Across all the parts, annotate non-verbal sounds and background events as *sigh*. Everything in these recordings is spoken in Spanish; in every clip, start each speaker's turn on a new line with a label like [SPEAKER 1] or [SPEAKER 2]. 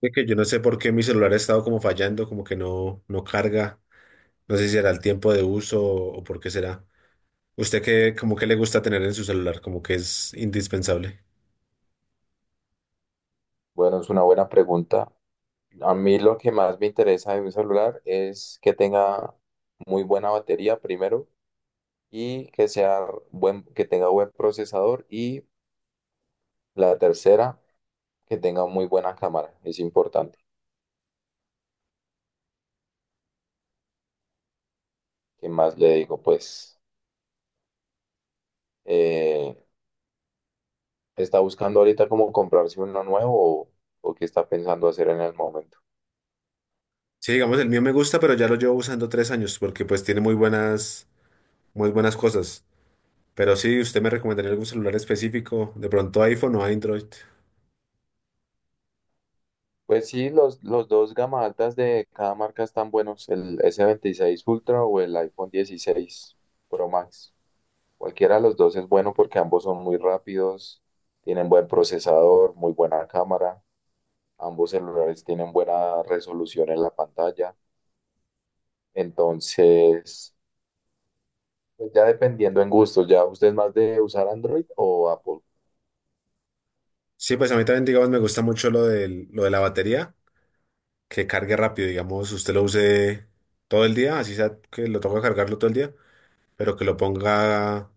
[SPEAKER 1] De que yo no sé por qué mi celular ha estado como fallando, como que no, no carga. No sé si será el tiempo de uso o, por qué será. ¿Usted qué, como que le gusta tener en su celular? Como que es indispensable.
[SPEAKER 2] Bueno, es una buena pregunta. A mí lo que más me interesa de mi celular es que tenga muy buena batería primero y que sea que tenga buen procesador y la tercera, que tenga muy buena cámara. Es importante. ¿Qué más le digo? Pues, eh, ¿está buscando ahorita cómo comprarse uno nuevo o qué está pensando hacer en el momento?
[SPEAKER 1] Sí, digamos, el mío me gusta, pero ya lo llevo usando 3 años porque pues tiene muy buenas cosas. Pero sí, ¿usted me recomendaría algún celular específico? De pronto iPhone o Android.
[SPEAKER 2] Pues sí, los dos gama altas de cada marca están buenos, el s 26 Ultra o el iPhone 16 Pro Max. Cualquiera de los dos es bueno porque ambos son muy rápidos, tienen buen procesador, muy buena cámara, ambos celulares tienen buena resolución en la pantalla. Entonces, pues ya dependiendo en gustos, ¿ya usted es más de usar Android o Apple?
[SPEAKER 1] Sí, pues a mí también, digamos, me gusta mucho lo de la batería, que cargue rápido, digamos, usted lo use todo el día, así sea que lo toca cargarlo todo el día, pero que lo ponga,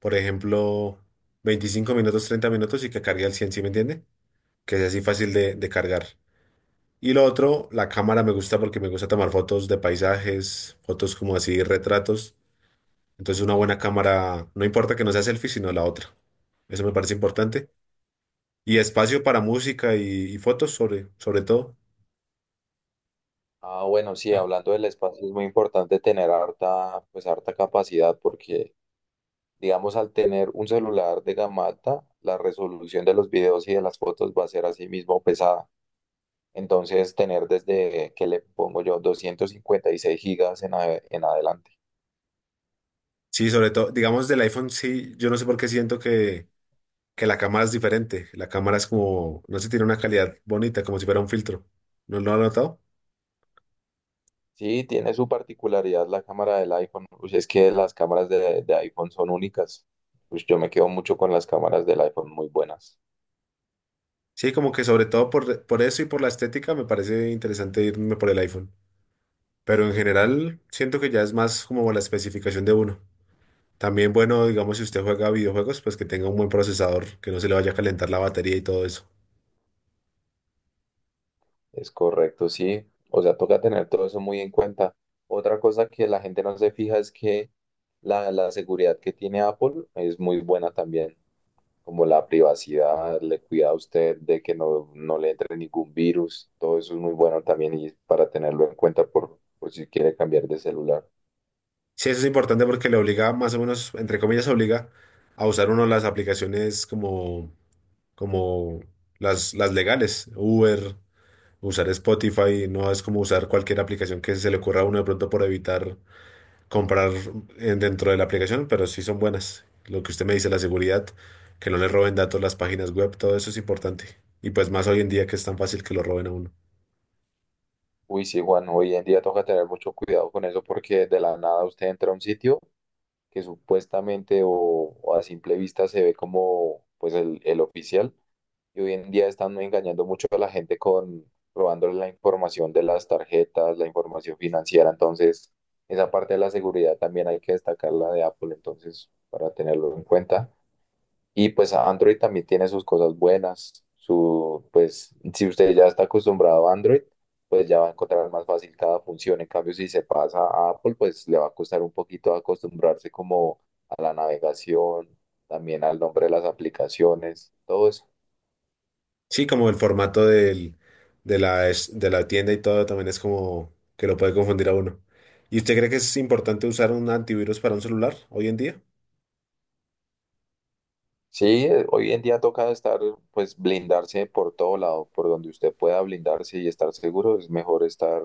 [SPEAKER 1] por ejemplo, 25 minutos, 30 minutos y que cargue al cien. ¿Sí me entiende? Que sea así fácil de cargar. Y lo otro, la cámara me gusta porque me gusta tomar fotos de paisajes, fotos como así, retratos. Entonces una buena cámara, no importa que no sea selfie, sino la otra. Eso me parece importante. Y espacio para música y fotos sobre todo.
[SPEAKER 2] Ah, bueno, sí, hablando del espacio es muy importante tener harta, pues harta capacidad porque, digamos, al tener un celular de gama alta, la resolución de los videos y de las fotos va a ser así mismo pesada. Entonces, tener desde que le pongo yo 256 gigas en adelante.
[SPEAKER 1] Sí, sobre todo, digamos del iPhone, sí, yo no sé por qué siento que la cámara es diferente. La cámara es como, no sé, tiene una calidad bonita, como si fuera un filtro. ¿No lo has notado?
[SPEAKER 2] Sí, tiene su particularidad la cámara del iPhone. Pues es que las cámaras de iPhone son únicas. Pues yo me quedo mucho con las cámaras del iPhone muy buenas.
[SPEAKER 1] Sí, como que sobre todo por eso y por la estética me parece interesante irme por el iPhone. Pero en general siento que ya es más como la especificación de uno. También bueno, digamos, si usted juega videojuegos, pues que tenga un buen procesador, que no se le vaya a calentar la batería y todo eso.
[SPEAKER 2] Es correcto, sí. O sea, toca tener todo eso muy en cuenta. Otra cosa que la gente no se fija es que la seguridad que tiene Apple es muy buena también. Como la privacidad, le cuida a usted de que no, no le entre ningún virus. Todo eso es muy bueno también y para tenerlo en cuenta por si quiere cambiar de celular.
[SPEAKER 1] Sí, eso es importante porque le obliga, más o menos, entre comillas, obliga a usar uno las aplicaciones como las legales, Uber. Usar Spotify no es como usar cualquier aplicación que se le ocurra a uno de pronto por evitar comprar dentro de la aplicación, pero sí son buenas. Lo que usted me dice, la seguridad, que no le roben datos las páginas web, todo eso es importante. Y pues más hoy en día que es tan fácil que lo roben a uno.
[SPEAKER 2] Uy, sí, Juan, hoy en día toca tener mucho cuidado con eso porque de la nada usted entra a un sitio que supuestamente o a simple vista se ve como pues el oficial. Y hoy en día están engañando mucho a la gente con robándole la información de las tarjetas, la información financiera. Entonces, esa parte de la seguridad también hay que destacarla de Apple, entonces, para tenerlo en cuenta. Y pues Android también tiene sus cosas buenas. Si usted ya está acostumbrado a Android, pues ya va a encontrar más fácil cada función. En cambio, si se pasa a Apple, pues le va a costar un poquito acostumbrarse como a la navegación, también al nombre de las aplicaciones, todo eso.
[SPEAKER 1] Sí, como el formato del, de la, es- de la tienda y todo también es como que lo puede confundir a uno. ¿Y usted cree que es importante usar un antivirus para un celular hoy en día?
[SPEAKER 2] Sí, hoy en día toca estar, pues blindarse por todo lado, por donde usted pueda blindarse y estar seguro, es mejor estar,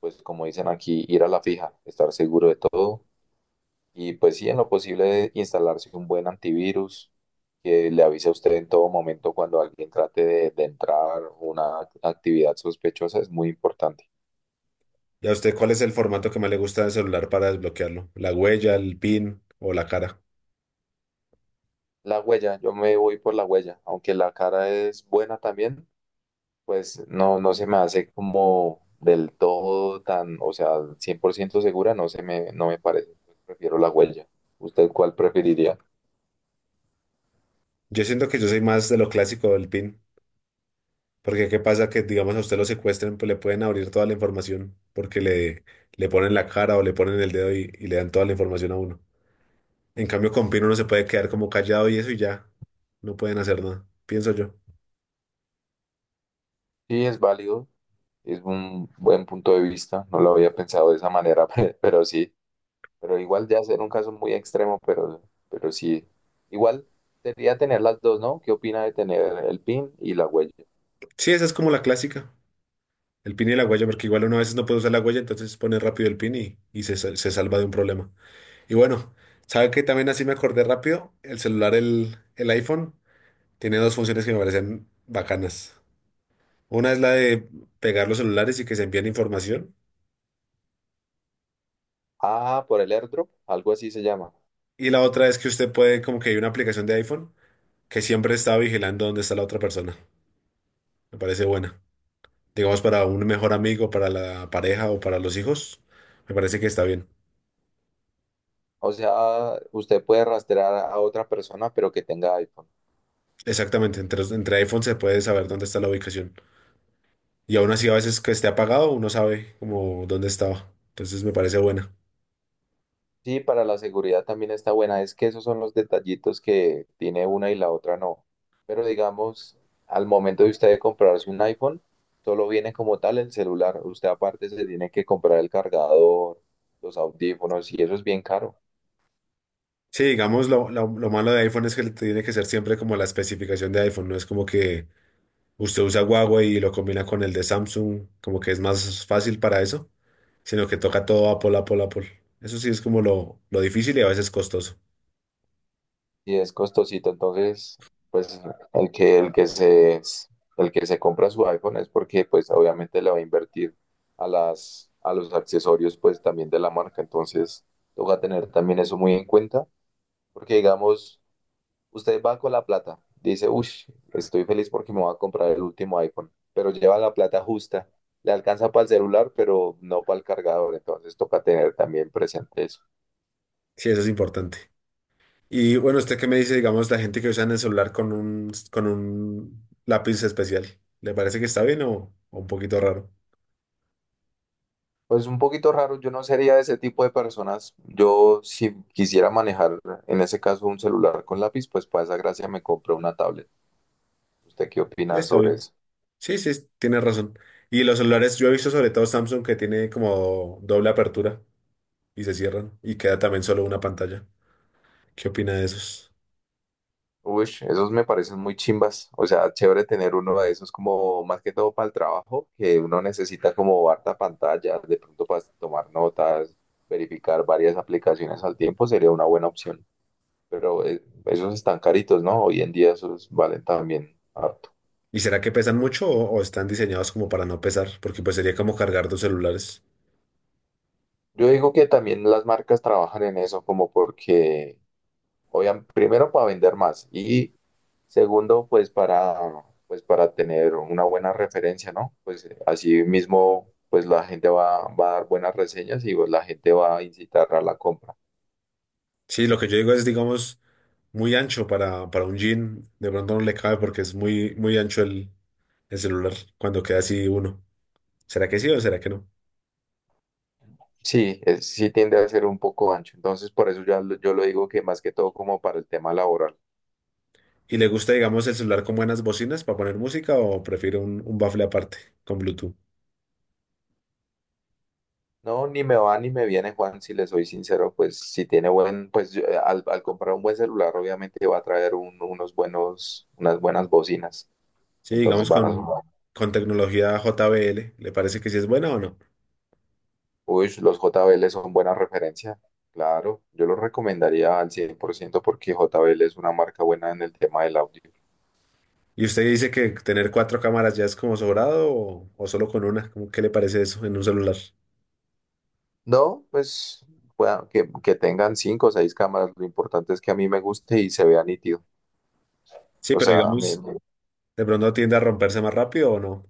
[SPEAKER 2] pues como dicen aquí, ir a la fija, estar seguro de todo. Y pues sí, en lo posible instalarse un buen antivirus que le avise a usted en todo momento cuando alguien trate de entrar una actividad sospechosa es muy importante.
[SPEAKER 1] ¿Y a usted cuál es el formato que más le gusta del celular para desbloquearlo? ¿La huella, el PIN o la cara?
[SPEAKER 2] La huella, yo me voy por la huella, aunque la cara es buena también, pues no, no se me hace como del todo tan, o sea, 100% segura, no me parece. Prefiero la huella. ¿Usted cuál preferiría?
[SPEAKER 1] Yo siento que yo soy más de lo clásico del PIN, porque qué pasa que, digamos, a usted lo secuestren, pues le pueden abrir toda la información, porque le ponen la cara o le ponen el dedo y le dan toda la información a uno. En cambio, con PIN uno se puede quedar como callado y eso y ya, no pueden hacer nada, pienso yo.
[SPEAKER 2] Sí, es válido, es un buen punto de vista, no lo había pensado de esa manera, *laughs* pero sí. Pero igual ya ser un caso muy extremo, pero sí, igual sería tener las dos, ¿no? ¿Qué opina de tener el PIN y la huella?
[SPEAKER 1] Sí, esa es como la clásica, el PIN y la huella, porque igual uno a veces no puede usar la huella, entonces pone rápido el PIN y se salva de un problema. Y bueno, ¿sabe que también así me acordé rápido? El celular, el iPhone, tiene dos funciones que me parecen bacanas. Una es la de pegar los celulares y que se envíen información.
[SPEAKER 2] Ah, por el airdrop, algo así se llama.
[SPEAKER 1] Y la otra es que usted puede, como que hay una aplicación de iPhone que siempre está vigilando dónde está la otra persona. Me parece buena. Digamos, para un mejor amigo, para la pareja o para los hijos, me parece que está bien.
[SPEAKER 2] O sea, usted puede rastrear a otra persona, pero que tenga iPhone.
[SPEAKER 1] Exactamente, entre, iPhone se puede saber dónde está la ubicación. Y aún así, a veces que esté apagado, uno sabe como dónde estaba. Entonces me parece buena.
[SPEAKER 2] Sí, para la seguridad también está buena. Es que esos son los detallitos que tiene una y la otra no. Pero digamos, al momento de usted comprarse un iPhone, solo viene como tal el celular. Usted aparte se tiene que comprar el cargador, los audífonos y eso es bien caro.
[SPEAKER 1] Sí, digamos, lo malo de iPhone es que tiene que ser siempre como la especificación de iPhone. No es como que usted usa Huawei y lo combina con el de Samsung, como que es más fácil para eso, sino que toca todo Apple, Apple, Apple. Eso sí es como lo difícil y a veces costoso.
[SPEAKER 2] Y es costosito, entonces, pues el que, el que se, el que se compra su iPhone es porque, pues, obviamente le va a invertir a los accesorios, pues, también de la marca, entonces, toca tener también eso muy en cuenta, porque, digamos, usted va con la plata, dice, uff, estoy feliz porque me voy a comprar el último iPhone, pero lleva la plata justa, le alcanza para el celular, pero no para el cargador, entonces, toca tener también presente eso.
[SPEAKER 1] Sí, eso es importante. Y bueno, ¿usted qué me dice, digamos, la gente que usa en el celular con con un lápiz especial? ¿Le parece que está bien o un poquito raro?
[SPEAKER 2] Pues un poquito raro, yo no sería de ese tipo de personas. Yo si quisiera manejar en ese caso un celular con lápiz, pues para esa gracia me compro una tablet. ¿Usted qué opina
[SPEAKER 1] Está
[SPEAKER 2] sobre
[SPEAKER 1] bien.
[SPEAKER 2] eso?
[SPEAKER 1] Sí, sí, tiene razón. Y los celulares, yo he visto sobre todo Samsung que tiene como doble apertura y se cierran y queda también solo una pantalla. ¿Qué opina de esos?
[SPEAKER 2] Uy, esos me parecen muy chimbas. O sea, chévere tener uno de esos como más que todo para el trabajo, que uno necesita como harta pantalla, de pronto para tomar notas, verificar varias aplicaciones al tiempo sería una buena opción. Pero esos están caritos, ¿no? Hoy en día esos valen también ah,
[SPEAKER 1] ¿Y será que pesan mucho o están diseñados como para no pesar? Porque pues sería como cargar dos celulares.
[SPEAKER 2] yo digo que también las marcas trabajan en eso como porque, obviamente, primero para vender más y segundo, pues para, pues para tener una buena referencia, ¿no? Pues así mismo, pues la gente va, va a dar buenas reseñas y pues la gente va a incitar a la compra.
[SPEAKER 1] Sí, lo que yo digo es, digamos, muy ancho para un jean. De pronto no le cabe porque es muy, muy ancho el celular cuando queda así uno. ¿Será que sí o será que no?
[SPEAKER 2] Sí, sí tiende a ser un poco ancho, entonces por eso ya yo lo digo que más que todo como para el tema laboral.
[SPEAKER 1] ¿Y le gusta, digamos, el celular con buenas bocinas para poner música o prefiere un bafle aparte con Bluetooth?
[SPEAKER 2] No, ni me va ni me viene, Juan, si le soy sincero, pues si tiene buen, pues yo, al comprar un buen celular, obviamente va a traer unas buenas bocinas.
[SPEAKER 1] Sí,
[SPEAKER 2] Entonces
[SPEAKER 1] digamos
[SPEAKER 2] van a
[SPEAKER 1] con,
[SPEAKER 2] sonar.
[SPEAKER 1] con tecnología JBL. ¿Le parece que sí es buena o no?
[SPEAKER 2] Uy, los JBL son buena referencia. Claro, yo los recomendaría al 100% porque JBL es una marca buena en el tema del audio.
[SPEAKER 1] ¿Y usted dice que tener cuatro cámaras ya es como sobrado o solo con una? ¿Qué le parece eso en un celular?
[SPEAKER 2] No, pues que tengan cinco o seis cámaras, lo importante es que a mí me guste y se vea nítido.
[SPEAKER 1] Sí,
[SPEAKER 2] O
[SPEAKER 1] pero
[SPEAKER 2] sea, me,
[SPEAKER 1] digamos, de pronto tiende a romperse más rápido o no.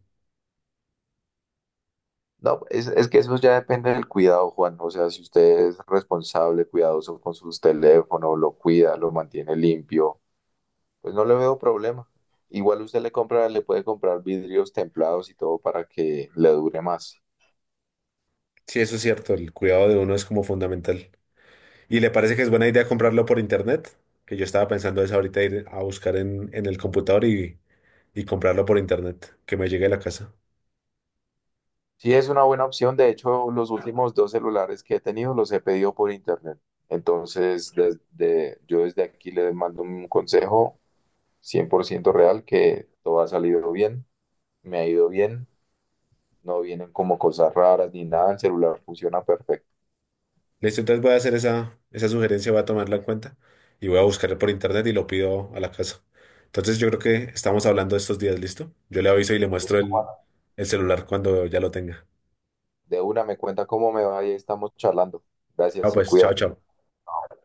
[SPEAKER 2] no, es que eso ya depende del cuidado, Juan. O sea, si usted es responsable, cuidadoso con sus teléfonos, lo cuida, lo mantiene limpio, pues no le veo problema. Igual usted le compra, le puede comprar vidrios templados y todo para que le dure más.
[SPEAKER 1] Sí, eso es cierto, el cuidado de uno es como fundamental. ¿Y le parece que es buena idea comprarlo por internet? Que yo estaba pensando eso ahorita, ir a buscar en el computador y comprarlo por internet, que me llegue a la casa.
[SPEAKER 2] Sí, es una buena opción. De hecho, los últimos dos celulares que he tenido los he pedido por internet. Entonces, desde, yo desde aquí le mando un consejo 100% real que todo ha salido bien, me ha ido bien. No vienen como cosas raras ni nada, el celular funciona perfecto.
[SPEAKER 1] Listo, entonces voy a hacer esa sugerencia, voy a tomarla en cuenta y voy a buscar por internet y lo pido a la casa. Entonces yo creo que estamos hablando estos días, ¿listo? Yo le aviso y le muestro el celular cuando ya lo tenga.
[SPEAKER 2] De una me cuenta cómo me va y ahí estamos charlando. Gracias,
[SPEAKER 1] Ah,
[SPEAKER 2] se
[SPEAKER 1] pues, chao,
[SPEAKER 2] cuida.
[SPEAKER 1] chao.